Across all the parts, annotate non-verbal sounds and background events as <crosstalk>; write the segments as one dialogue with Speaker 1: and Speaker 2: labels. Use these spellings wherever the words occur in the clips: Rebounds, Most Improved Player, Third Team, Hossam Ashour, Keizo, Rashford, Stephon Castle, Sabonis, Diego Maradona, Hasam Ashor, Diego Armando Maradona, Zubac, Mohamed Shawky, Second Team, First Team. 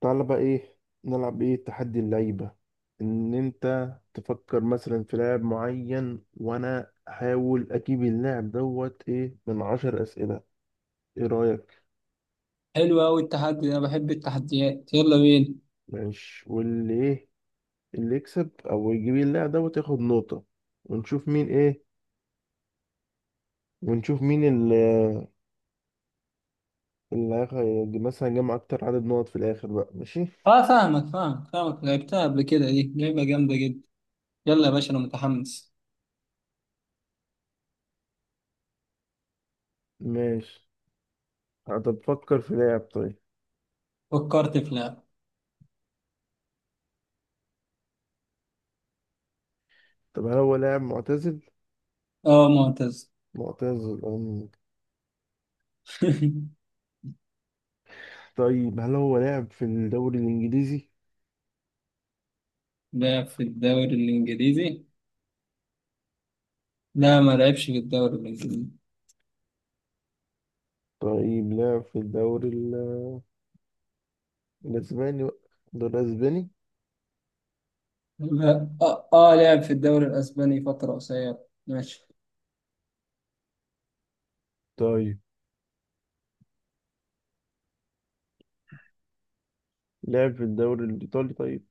Speaker 1: تعالى بقى ايه نلعب؟ ايه، تحدي اللعيبة. ان انت تفكر مثلا في لاعب معين، وانا احاول اجيب اللاعب دوت ايه من 10 اسئلة. ايه رأيك؟
Speaker 2: حلو أوي التحدي ده، أنا بحب التحديات. يلا بينا.
Speaker 1: ماشي، واللي ايه؟ اللي يكسب او يجيب اللاعب دوت ياخد نقطة. ونشوف مين ايه، ونشوف مين اللي مثلا جمع اكتر عدد نقط في الاخر بقى. ماشي.
Speaker 2: أه فاهمك، لعبتها قبل كده، دي لعبة جامدة جدا. يلا يا باشا أنا متحمس.
Speaker 1: ماشي، هتفكر في لاعب طيب.
Speaker 2: فكرت في لعبة.
Speaker 1: طب هل هو لاعب معتزل؟
Speaker 2: أه، معتز.
Speaker 1: معتزل.
Speaker 2: <laughs>
Speaker 1: طيب هل هو لعب في الدوري الإنجليزي؟
Speaker 2: لعب في الدوري الإنجليزي. لا، ما لعبش في الدوري الإنجليزي.
Speaker 1: طيب لعب في الدوري الأسباني بقى. الدوري الأسباني؟
Speaker 2: لا أه, آه، لعب في الدوري الأسباني فترة قصيرة. ماشي.
Speaker 1: طيب لعب في الدوري الإيطالي طيب؟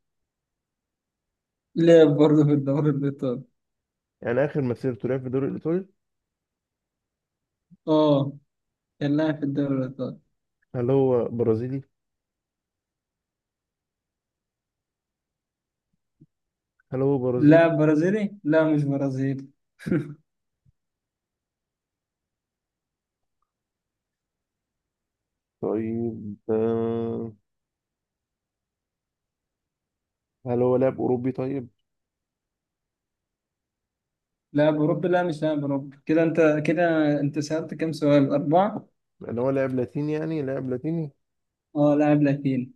Speaker 2: لعب برضه في الدوري الإيطالي.
Speaker 1: يعني آخر مسيرته لعب في الدوري الإيطالي؟
Speaker 2: أه، كان لاعب في الدوري الإيطالي.
Speaker 1: هل هو برازيلي؟ هل هو برازيلي؟
Speaker 2: لاعب برازيلي؟ لا، مش برازيلي. <laughs>
Speaker 1: طيب، هل هو لاعب أوروبي طيب؟
Speaker 2: لاعب أوروبي؟ لا، مش لاعب أوروبي. كده أنت سألت كام سؤال؟ أربعة.
Speaker 1: يعني هو لاعب لاتيني، يعني لاعب لاتيني؟
Speaker 2: أه، لاعب لاتيني.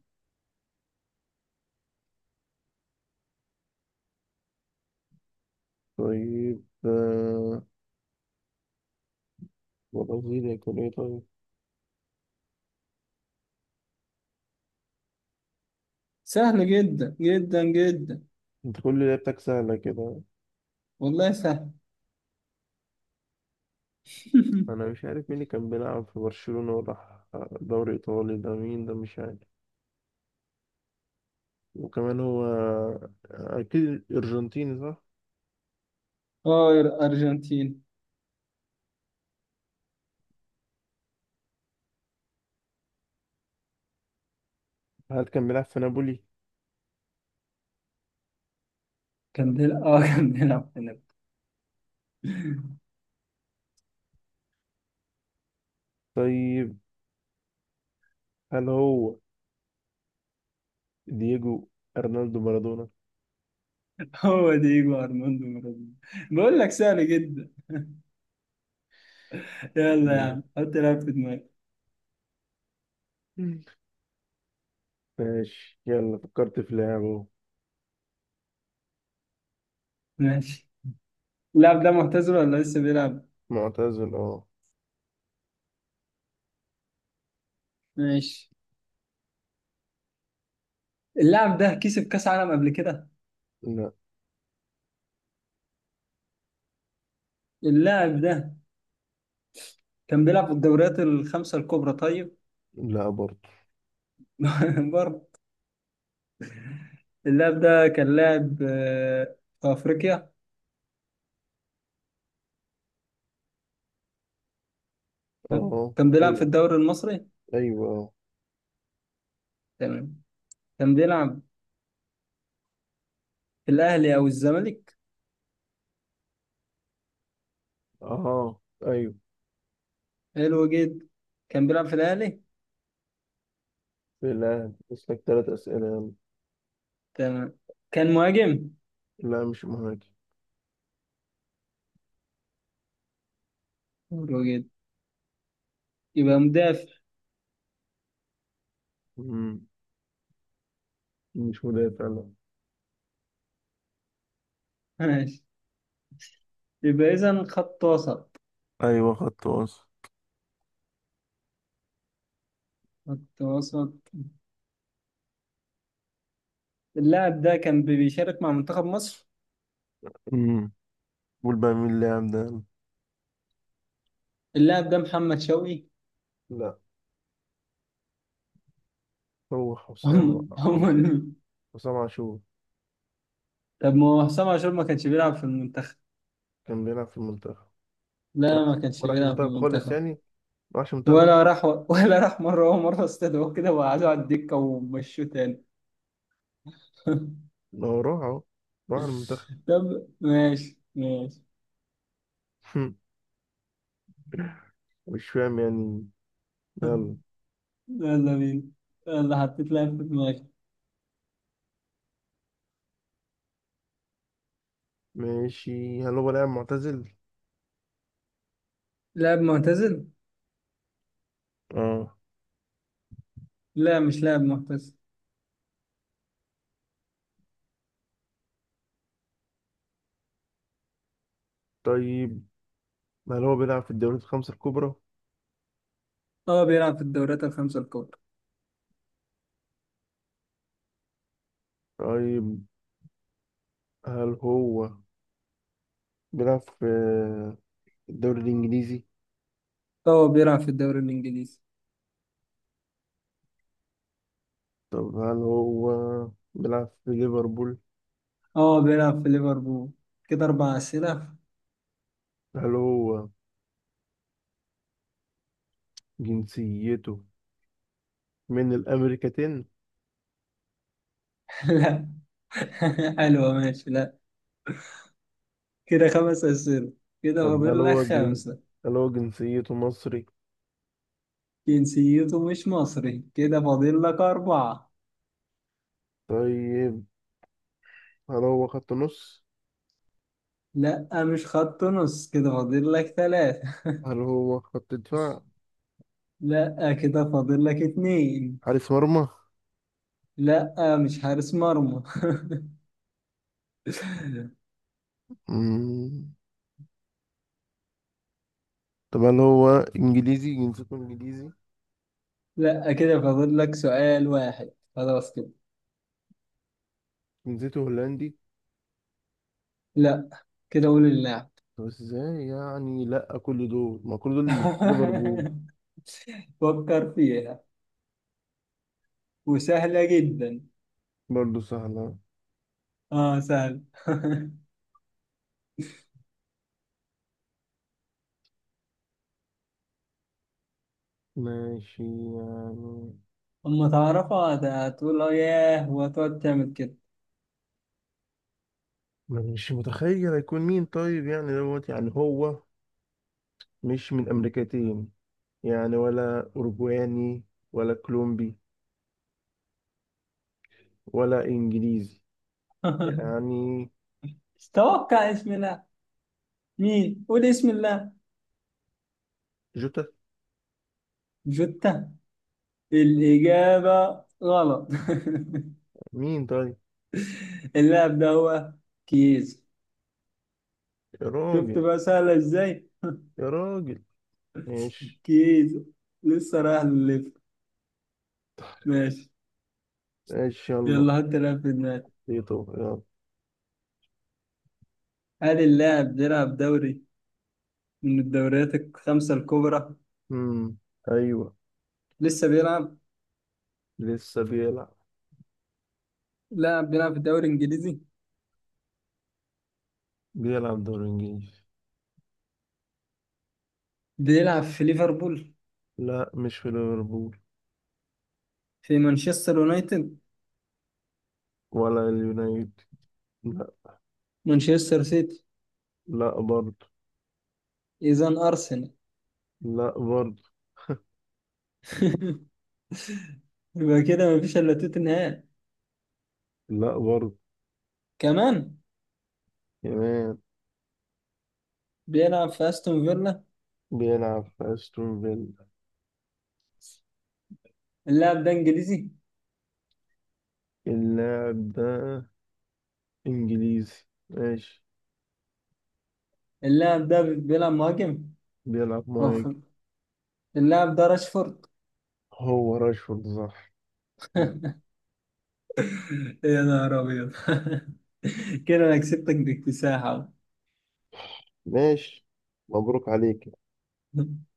Speaker 1: طيب، برازيلي يكون إيه طيب؟
Speaker 2: سهل جدا جدا جدا.
Speaker 1: أنت كل لعبتك سهلة كده.
Speaker 2: والله سهل.
Speaker 1: أنا
Speaker 2: <laughs>
Speaker 1: مش عارف مين اللي كان بيلعب في برشلونة وراح دوري إيطالي ده. مين ده؟ مش عارف. وكمان هو أكيد أرجنتيني صح؟
Speaker 2: أه، أرجنتين.
Speaker 1: هل كان بيلعب في نابولي؟
Speaker 2: كان بيلعب، <laughs> كان بيلعب هناك. <laughs>
Speaker 1: طيب، هل هو دييجو أرنالدو مارادونا؟
Speaker 2: هو دييجو أرماندو مارادونا. بقول لك سهل جدا. يلا يا
Speaker 1: يلا.
Speaker 2: عم حط لاعب في دماغك.
Speaker 1: مم. ماشي، يلا فكرت في لعبه.
Speaker 2: ماشي. اللاعب ده معتزل ولا لسه بيلعب؟
Speaker 1: معتزل اه.
Speaker 2: ماشي. اللاعب ده كسب كأس عالم قبل كده؟
Speaker 1: لا.
Speaker 2: اللاعب ده كان بيلعب في الدوريات الخمسة الكبرى طيب؟
Speaker 1: لا برضه.
Speaker 2: <laughs> برضه. اللاعب ده كان لاعب في أفريقيا. تمام.
Speaker 1: اه،
Speaker 2: كان بيلعب في
Speaker 1: أيوه،
Speaker 2: الدوري المصري.
Speaker 1: أيوه اه.
Speaker 2: تمام. كان بيلعب في الأهلي أو الزمالك.
Speaker 1: اه أيوه.
Speaker 2: حلو جدا. كان بيلعب في الأهلي.
Speaker 1: في الأهلي، بس لك 3 أسئلة يلا.
Speaker 2: تمام، كان مهاجم.
Speaker 1: لا مش مهاجم.
Speaker 2: حلو جدا، يبقى مدافع.
Speaker 1: مم. مش مدافع، لا.
Speaker 2: <laughs> ماشي، يبقى إذا خط وسط.
Speaker 1: أيوه خط وسط.
Speaker 2: خط وسط. اللاعب ده كان بيشارك مع منتخب مصر.
Speaker 1: مم. قول بقى مين اللاعب ده.
Speaker 2: اللاعب ده محمد شوقي.
Speaker 1: لا. هو
Speaker 2: <laughs> هم
Speaker 1: حسام.
Speaker 2: هم
Speaker 1: حسام،
Speaker 2: ال-
Speaker 1: حسام عاشور.
Speaker 2: طب ما هو حسام عاشور ما كانش بيلعب في المنتخب.
Speaker 1: كان بيلعب في المنتخب. ما
Speaker 2: لا،
Speaker 1: راحش،
Speaker 2: ما كانش
Speaker 1: ما راحش
Speaker 2: بيلعب في
Speaker 1: المنتخب خالص
Speaker 2: المنتخب.
Speaker 1: يعني. ما راحش المنتخب
Speaker 2: ولا
Speaker 1: خالص.
Speaker 2: راح. <laughs> ولا راح، مرة ومرة استدعوه كده وقعدوا على الدكة ومشوه تاني. <laughs>
Speaker 1: ما هو راح اهو، راح المنتخب.
Speaker 2: طب ماشي.
Speaker 1: <laughs> مش فاهم يعني.
Speaker 2: <laughs>
Speaker 1: يلا.
Speaker 2: يلا بينا. يلا، حطيت لاعب في دماغي.
Speaker 1: ماشي، هل هو لاعب معتزل؟
Speaker 2: لاعب معتزل؟
Speaker 1: اه.
Speaker 2: لا، مش لاعب معتزل.
Speaker 1: طيب، هل هو بيلعب في الدوريات الخمسة الكبرى؟
Speaker 2: اه، بيلعب في الدوريات الخمسة الكبرى.
Speaker 1: طيب، هل هو بيلعب في الدوري الإنجليزي؟
Speaker 2: اه، بيلعب في الدوري الإنجليزي.
Speaker 1: طب هل هو بيلعب في ليفربول؟
Speaker 2: اه، بيلعب في ليفربول. كده أربع أسئلة.
Speaker 1: هل هو جنسيته من الأمريكتين؟
Speaker 2: <laughs> لا. <laughs> حلوة ماشي، لا. كده خمس أسئلة، كده
Speaker 1: طب هل
Speaker 2: فاضل لك
Speaker 1: هو
Speaker 2: خمسة.
Speaker 1: هل هو جنسيته مصري؟
Speaker 2: جنسيته مش مصري، كده فاضل لك أربعة.
Speaker 1: طيب، هل هو خط نص؟
Speaker 2: لا، مش خط نص، كده فاضل لك ثلاثة.
Speaker 1: هل هو خط دفاع؟
Speaker 2: لا، كده فاضل لك اتنين.
Speaker 1: حارس مرمى؟
Speaker 2: لا، مش حارس مرمى. <laughs>
Speaker 1: مم. طب هل هو انجليزي؟ جنسيته انجليزي؟
Speaker 2: لا، كده فاضل لك سؤال واحد. خلاص كده.
Speaker 1: جنسيته هولندي؟
Speaker 2: لا، كده قول اللاعب.
Speaker 1: طب ازاي يعني؟ لا كل دول، ما كل دول ليفربول.
Speaker 2: <laughs> فكر فيها، وسهلة جدا.
Speaker 1: برضه سهلة.
Speaker 2: اه، سهل. <laughs>
Speaker 1: ماشي. يعني
Speaker 2: اما تعرفها هتقول اه ياه وتقعد تعمل كده.
Speaker 1: مش متخيل هيكون مين طيب. يعني دوت يعني هو مش من امريكتين، يعني ولا اوروجواني ولا كولومبي ولا انجليزي،
Speaker 2: <laughs>
Speaker 1: يعني.
Speaker 2: توقع، اسم الله. مين؟ قول اسم الله.
Speaker 1: جوتا.
Speaker 2: جوتا؟ الإجابة غلط. <laughs>
Speaker 1: مين طيب؟
Speaker 2: اللاعب ده هو كيزو.
Speaker 1: يا
Speaker 2: شفت
Speaker 1: راجل.
Speaker 2: بقى سهلة ازاي؟
Speaker 1: يا راجل. ماشي.
Speaker 2: كيزو لسه رايح للليفر. ماشي.
Speaker 1: ماشي يلا.
Speaker 2: يلا حط لاعب في دماغك.
Speaker 1: بيتو يلا.
Speaker 2: هل اللاعب بيلعب دوري من الدوريات الخمسة الكبرى؟
Speaker 1: امم ايوه.
Speaker 2: لسه بيلعب؟
Speaker 1: لسه بيلعب.
Speaker 2: لاعب بيلعب في الدوري الإنجليزي.
Speaker 1: بيلعب دوري انجليزي.
Speaker 2: بيلعب في ليفربول؟
Speaker 1: لا مش في ليفربول.
Speaker 2: في مانشستر يونايتد؟
Speaker 1: ولا اليونايتد. لا.
Speaker 2: مانشستر سيتي؟
Speaker 1: لا برضه.
Speaker 2: إذا أرسنال. <laughs>
Speaker 1: لا برضه.
Speaker 2: يبقى كده مفيش إلا توتنهام.
Speaker 1: لا برضه.
Speaker 2: كمان.
Speaker 1: كمان.
Speaker 2: بيلعب في أستون فيلا.
Speaker 1: بيلعب في استون فيلا.
Speaker 2: اللاعب ده إنجليزي.
Speaker 1: اللاعب ده انجليزي ماشي.
Speaker 2: اللاعب ده بيلعب مهاجم.
Speaker 1: بيلعب
Speaker 2: أوف،
Speaker 1: مهاجم.
Speaker 2: اللاعب ده راشفورد.
Speaker 1: هو راشفورد صح.
Speaker 2: <laughs> يا نهار أبيض. <laughs> كده أنا كسبتك باكتساح.
Speaker 1: ماشي، مبروك عليك.
Speaker 2: أهو.